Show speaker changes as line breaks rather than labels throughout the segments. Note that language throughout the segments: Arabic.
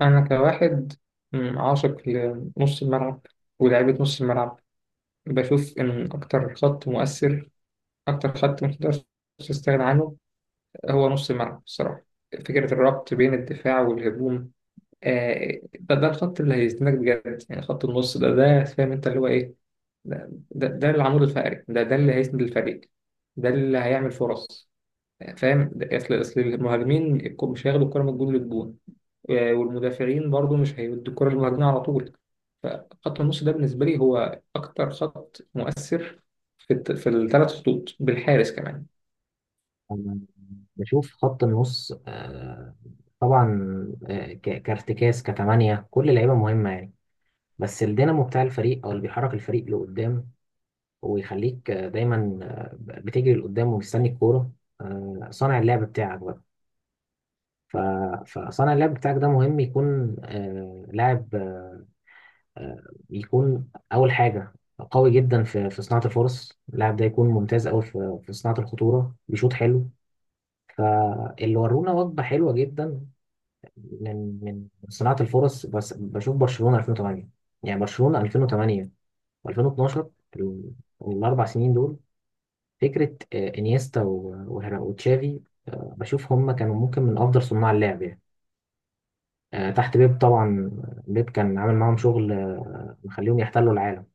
أنا كواحد عاشق لنص الملعب ولعيبة نص الملعب. بشوف إن أكتر خط مؤثر، أكتر خط متقدرش تستغنى عنه هو نص الملعب الصراحة. فكرة الربط بين الدفاع والهجوم، ده الخط اللي هيزنك بجد، يعني خط النص ده، فاهم أنت اللي هو إيه. ده العمود الفقري، ده اللي هيسند الفريق، ده اللي هيعمل فرص، فاهم؟ أصل المهاجمين مش هياخدوا الكرة من الجون للجون، والمدافعين برضو مش هيودوا الكرة للمهاجمين على طول. فخط النص ده بالنسبة لي هو أكتر خط مؤثر في في الثلاث خطوط بالحارس كمان.
أنا بشوف خط النص طبعا. كارتكاز كتمانية كل لعيبة مهمة يعني، بس الدينامو بتاع الفريق أو اللي بيحرك الفريق لقدام ويخليك دايما بتجري لقدام ومستني الكورة، صانع اللعب بتاعك بقى. ف- فصانع اللعب بتاعك ده مهم يكون لاعب آه، يكون أول حاجة قوي جدا في صناعة الفرص، اللاعب ده يكون ممتاز أوي في صناعة الخطورة، بيشوط حلو، اللي ورونا وجبة حلوة جدا من صناعة الفرص. بس بشوف برشلونة 2008، يعني برشلونة 2008 و2012، ال- الأربع سنين دول، فكرة إنيستا وتشافي. بشوف هم كانوا ممكن من أفضل صناع اللعب يعني، تحت بيب طبعا. بيب كان عامل معاهم شغل مخليهم يحتلوا العالم،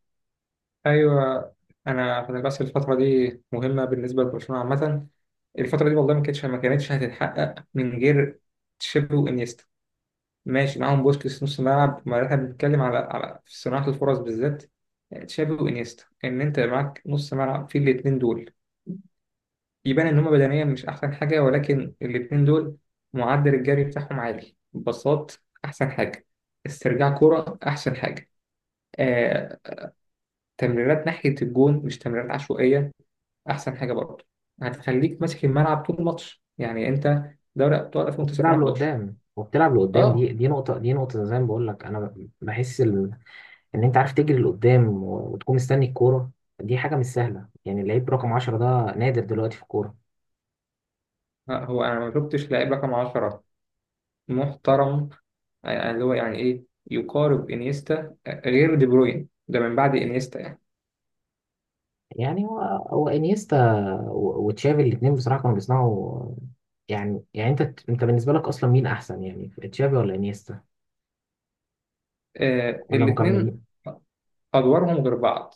أيوه، أنا خلي بس الفترة دي مهمة بالنسبة لبرشلونة عامة. الفترة دي والله ما كانتش هتتحقق من غير تشيبي وانيستا. ماشي، معاهم بوسكيتس نص ملعب، ما احنا بنتكلم على في صناعة الفرص بالذات. تشابي وانيستا، انت معاك نص ملعب فيه الاتنين دول، يبان إن هما بدنيا مش أحسن حاجة، ولكن الاتنين دول معدل الجري بتاعهم عالي بساط أحسن حاجة، استرجاع كرة أحسن حاجة، آه، تمريرات ناحية الجون مش تمريرات عشوائية، أحسن حاجة برضه. هتخليك ماسك الملعب طول الماتش يعني أنت. دوري أبطال
وبتلعب
2019.
لقدام، وبتلعب لقدام.
أه.
دي نقطة، دي نقطة زي ما بقول لك أنا. بحس ال- إن أنت عارف تجري لقدام وتكون مستني الكورة، دي حاجة مش سهلة يعني. اللعيب رقم 10 ده نادر دلوقتي في الكورة.
هو أنا ما شفتش لاعب رقم 10 محترم، يعني اللي هو يعني إيه، يقارب إنيستا. غير دي بروين ده، من بعد إنيستا يعني.
يعني هو انيستا وتشافي، الاثنين بصراحه كانوا بيصنعوا يعني انت بالنسبه لك اصلا مين احسن يعني، تشافي ولا انيستا،
آه،
ولا
الاتنين
مكملين؟
أدوارهم غير بعض.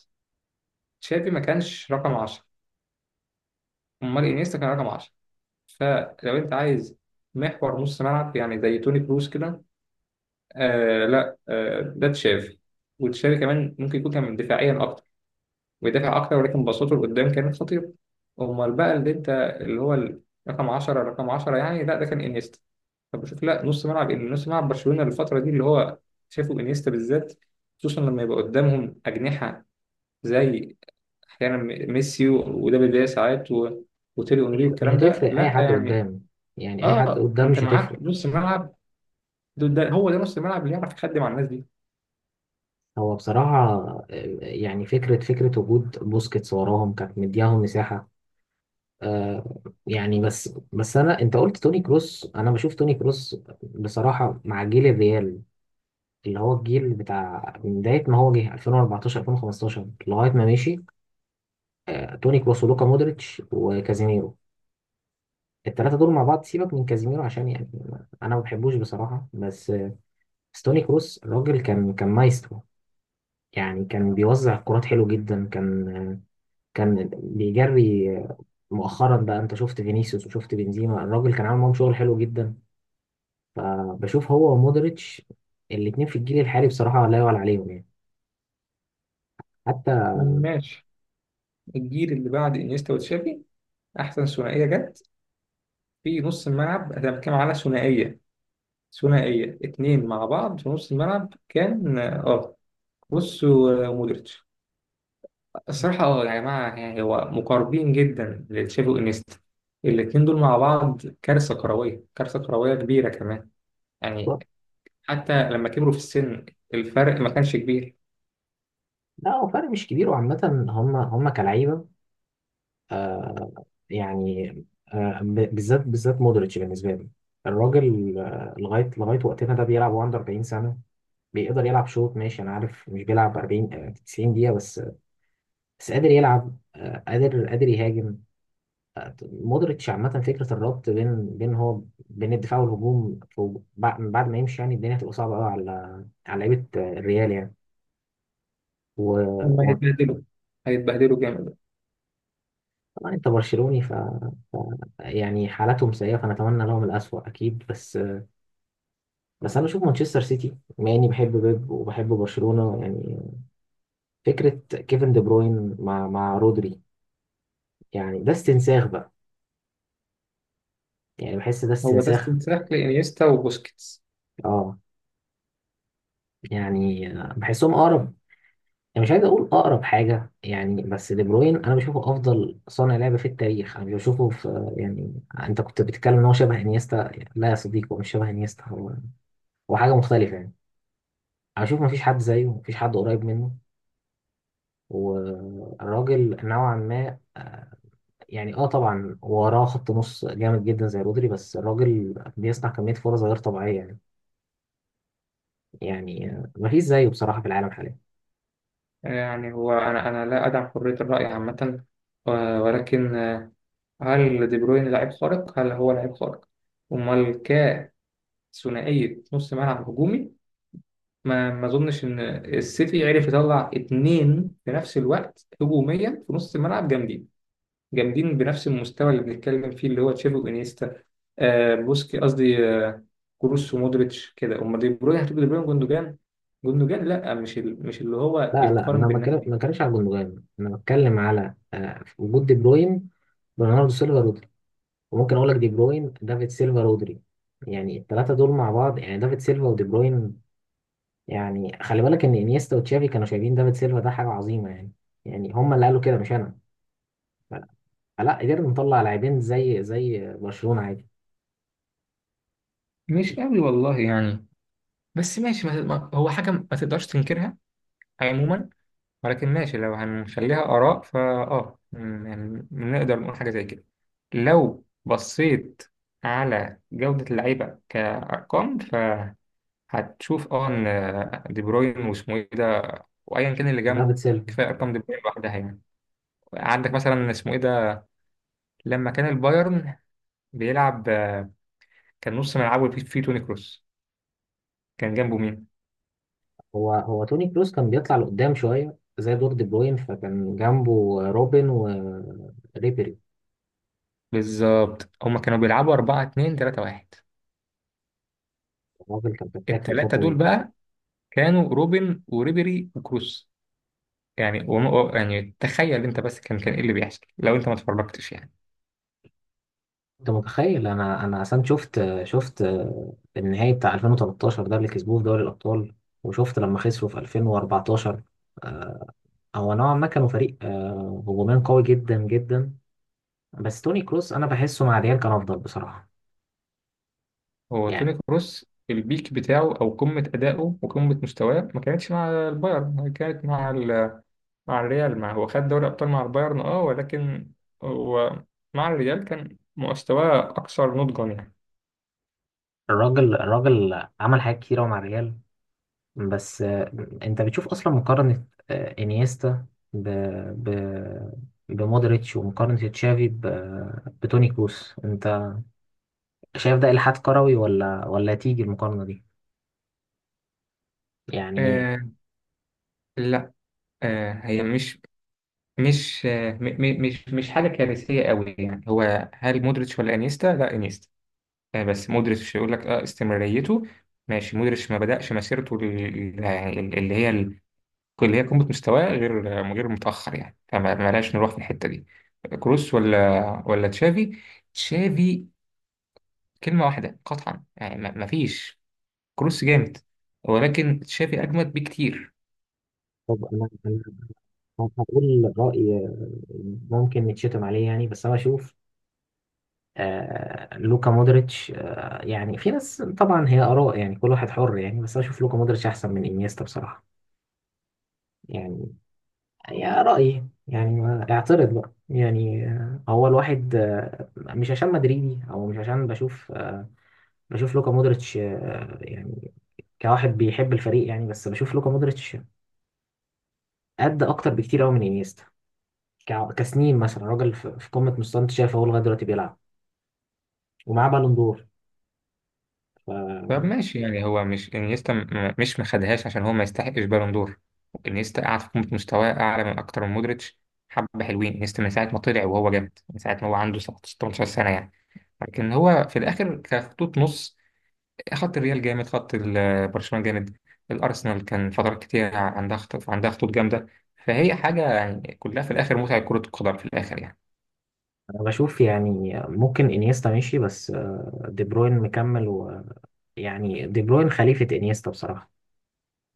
تشافي ما كانش رقم 10، امال انيستا كان رقم 10. فلو انت عايز محور نص ملعب يعني زي توني كروس كده، آه لا، آه ده تشافي. وتشافي كمان ممكن يكون كان دفاعيا اكتر، ويدافع اكتر، ولكن بساطته لقدام كانت خطيره. امال بقى اللي انت اللي هو ال- رقم 10 يعني، لا ده كان انيستا. طب بشوف، لا نص ملعب، نص ملعب برشلونه الفتره دي اللي هو شافوا انيستا بالذات، خصوصا لما يبقى قدامهم اجنحه زي احيانا ميسي ودافيد فيا ساعات وتيري اونري
مش
والكلام ده،
هتفرق اي
لا
حد
يعني.
قدام، يعني اي حد
اه
قدام
انت
مش
معاك
هتفرق.
نص ملعب، ده ده- هو ده نص الملعب اللي يعرف يخدم على الناس دي.
هو بصراحه آه، يعني فكره وجود بوسكيتس وراهم كانت مدياهم مساحه. آه يعني بس انا، انت قلت توني كروس، انا بشوف توني كروس بصراحه مع جيل الريال، اللي هو الجيل بتاع من بداية ما هو جه 2014 2015 لغاية ما مشي، توني كروس ولوكا مودريتش وكازيميرو. الثلاثة دول مع بعض، سيبك من كازيميرو عشان يعني أنا ما بحبوش بصراحة، بس بس توني كروس الراجل كان مايسترو يعني، كان بيوزع الكرات حلو جدا، كان كان بيجري. مؤخرا بقى أنت شفت فينيسيوس وشفت بنزيما، الراجل كان عامل معاهم شغل حلو جدا. بشوف هو ومودريتش الاتنين في الجيل الحالي بصراحة لا يعلى عليهم يعني، حتى.
ماشي، الجيل اللي بعد انيستا وتشافي احسن ثنائيه جت في نص الملعب. انا بتكلم على ثنائيه، اتنين مع بعض في نص الملعب، كان اه بص ومودريتش. الصراحه اه يا جماعه، يعني هو مقاربين جدا لتشافي وانيستا. الاتنين دول مع بعض كارثه كرويه، كارثه كرويه كبيره كمان يعني. حتى لما كبروا في السن الفرق ما كانش كبير.
لا، هو فرق مش كبير، وعامة هم كلعيبة يعني، بالذات مودريتش بالنسبة لي، الراجل آه، لغاية لغايه وقتنا ده بيلعب وهو عنده 40 سنة، بيقدر يلعب شوط. ماشي، أنا عارف مش بيلعب 40 90 دقيقة، بس بس قادر يلعب، قادر يهاجم. مودريتش عامة فكرة الربط بين بين الدفاع والهجوم، بعد ما يمشي يعني الدنيا هتبقى صعبة قوي على لعيبة الريال
هم
يعني.
هيتبهدلوا، هيتبهدلوا جامد.
انت برشلوني ف... ف يعني حالتهم سيئه فنتمنى لهم الاسوأ اكيد، بس انا بشوف مانشستر سيتي، بما اني بحب بيب وبحب برشلونه يعني، فكره كيفن دي بروين مع رودري، يعني ده استنساخ بقى، يعني بحس ده
هو ده
استنساخ.
استنساخ لإنيستا وبوسكيتس.
اه يعني بحسهم اقرب، يعني مش عايز اقول اقرب حاجه يعني، بس دي بروين انا بشوفه افضل صانع لعبه في التاريخ، انا مش بشوفه في يعني. انت كنت بتتكلم ان هو شبه انيستا، لا يا صديقي، هو مش شبه انيستا، هو حاجه مختلفه يعني. انا اشوف مفيش حد زيه، مفيش حد قريب منه، والراجل نوعا ما يعني اه طبعا وراه خط نص جامد جدا زي رودري، بس الراجل بيصنع كمية فرص غير طبيعية يعني. يعني مفيش زيه بصراحة في العالم حاليا.
يعني هو أنا لا أدعم حرية الرأي عامة، و- ولكن هل دي بروين لاعب خارق؟ هل هو لاعب خارق؟ أمال، كثنائية نص ملعب هجومي، ما أظنش إن السيتي عرف يطلع اتنين في نفس الوقت هجوميا في نص الملعب جامدين، جامدين بنفس المستوى اللي بنتكلم فيه، اللي هو تشافي وانيستا. آه بوسكي قصدي، آه كروس ومودريتش كده. امال دي بروين هتبقى دي بروين جوندوجان؟ جوندوجان لا، مش اللي هو
لا لا،
يتقارن
انا ما
بالناس
بتكلم-
دي.
ما بتكلمش على جوندوجان، انا بتكلم على وجود دي بروين، برناردو سيلفا، رودري، وممكن اقول لك دي بروين، دافيد سيلفا، رودري. يعني الثلاثة دول مع بعض، يعني دافيد سيلفا ودي بروين، يعني خلي بالك ان انيستا وتشافي كانوا شايفين دافيد سيلفا ده حاجه عظيمه يعني، يعني هم اللي قالوا كده مش انا. فلا قدرنا نطلع لاعبين زي برشلونه عادي.
مش قوي والله يعني. بس ماشي، هو حاجة ما تقدرش تنكرها عموما. ولكن ماشي، لو هنخليها آراء فا اه يعني نقدر نقول حاجة زي كده. لو بصيت على جودة اللعيبة كأرقام هتشوف اه ان دي بروين واسمه ايه ده، وايا كان اللي
دافيد
جنبه،
سيلفا.
كفايه ارقام دي بروين لوحدها يعني. عندك مثلا اسمه ايه ده، لما كان البايرن بيلعب كان نص ملعبه فيه توني كروس، كان جنبه مين؟
هو توني كروس كان بيطلع لقدام شويه زي دور دي بروين، فكان جنبه روبن وريبيري.
بالظبط، هما كانوا بيلعبوا 4-2-3-1.
الراجل كان فتاك في
الثلاثه
الفتره
دول
دي.
بقى كانوا روبن وريبيري وكروس. يعني يعني تخيل انت بس كان ايه اللي بيحصل لو انت ما اتفرجتش يعني.
انت متخيل؟ انا اصلا شفت النهائي بتاع 2013 ده اللي كسبوه في دوري الابطال، وشفت لما خسروا في 2014. هو نوعا ما كانوا فريق هجوميا قوي جدا جدا، بس توني كروس انا بحسه مع ريال كان افضل بصراحه
هو
يعني.
توني كروس البيك بتاعه او قمه ادائه وقمه مستواه ما كانتش مع البايرن، كانت مع ال، مع الريال. مع، هو خد دوري ابطال مع البايرن اه، ولكن هو مع الريال كان مستواه اكثر نضجا يعني.
الراجل عمل حاجات كتيره مع ريال، بس انت بتشوف اصلا مقارنه انيستا ب ب بمودريتش، ومقارنه تشافي بتوني كروس، انت شايف ده الحاد كروي، ولا تيجي المقارنه دي؟ يعني
آه لا، آه هي مش مش آه م- مش حاجه كارثيه قوي يعني. هو هل مودريتش ولا انيستا؟ لا انيستا. آه بس مودريتش يقول لك اه استمراريته. ماشي، مودريتش ما بدأش مسيرته ال- يعني ال- اللي هي ال- اللي هي قمه مستواه غير غير متاخر يعني، فما ما لاش نروح في الحته دي. كروس ولا تشافي؟ تشافي، كلمة واحدة قطعا يعني، مفيش. كروس جامد ولكن تشافي أجمد بكتير.
طب أنا هقول راي ممكن نتشتم عليه يعني، بس انا بشوف آه لوكا مودريتش. آه يعني في ناس طبعا، هي آراء يعني، كل واحد حر يعني، بس أنا أشوف لوكا مودريتش أحسن من إنيستا بصراحة يعني، يا رأيي يعني. اعترض بقى يعني، هو الواحد مش عشان مدريدي، أو مش عشان بشوف بشوف لوكا مودريتش يعني كواحد بيحب الفريق يعني، بس بشوف لوكا مودريتش قد أكتر بكتير أوي من إنيستا، كسنين مثلا، راجل في قمة مستواه، أنت شايف هو لغاية دلوقتي بيلعب ومعاه بالون دور.
طب ماشي يعني هو مش انيستا مش مخدهاش عشان هو ما يستحقش بالون دور. انيستا قاعد في قمة مستواه أعلى من أكتر من مودريتش. حبة حلوين. انيستا من ساعة ما طلع وهو جامد، من ساعة ما هو عنده 17 سنة يعني. لكن هو في الآخر كخطوط نص، خط الريال جامد، خط برشلونة جامد، الأرسنال كان فترات كتير عندها خطوط، عندها خطوط جامدة. فهي حاجة يعني كلها في الآخر متعة كرة القدم في الآخر يعني.
انا بشوف يعني ممكن انيستا ماشي، بس دي بروين مكمل، ويعني دي بروين خليفة انيستا بصراحة.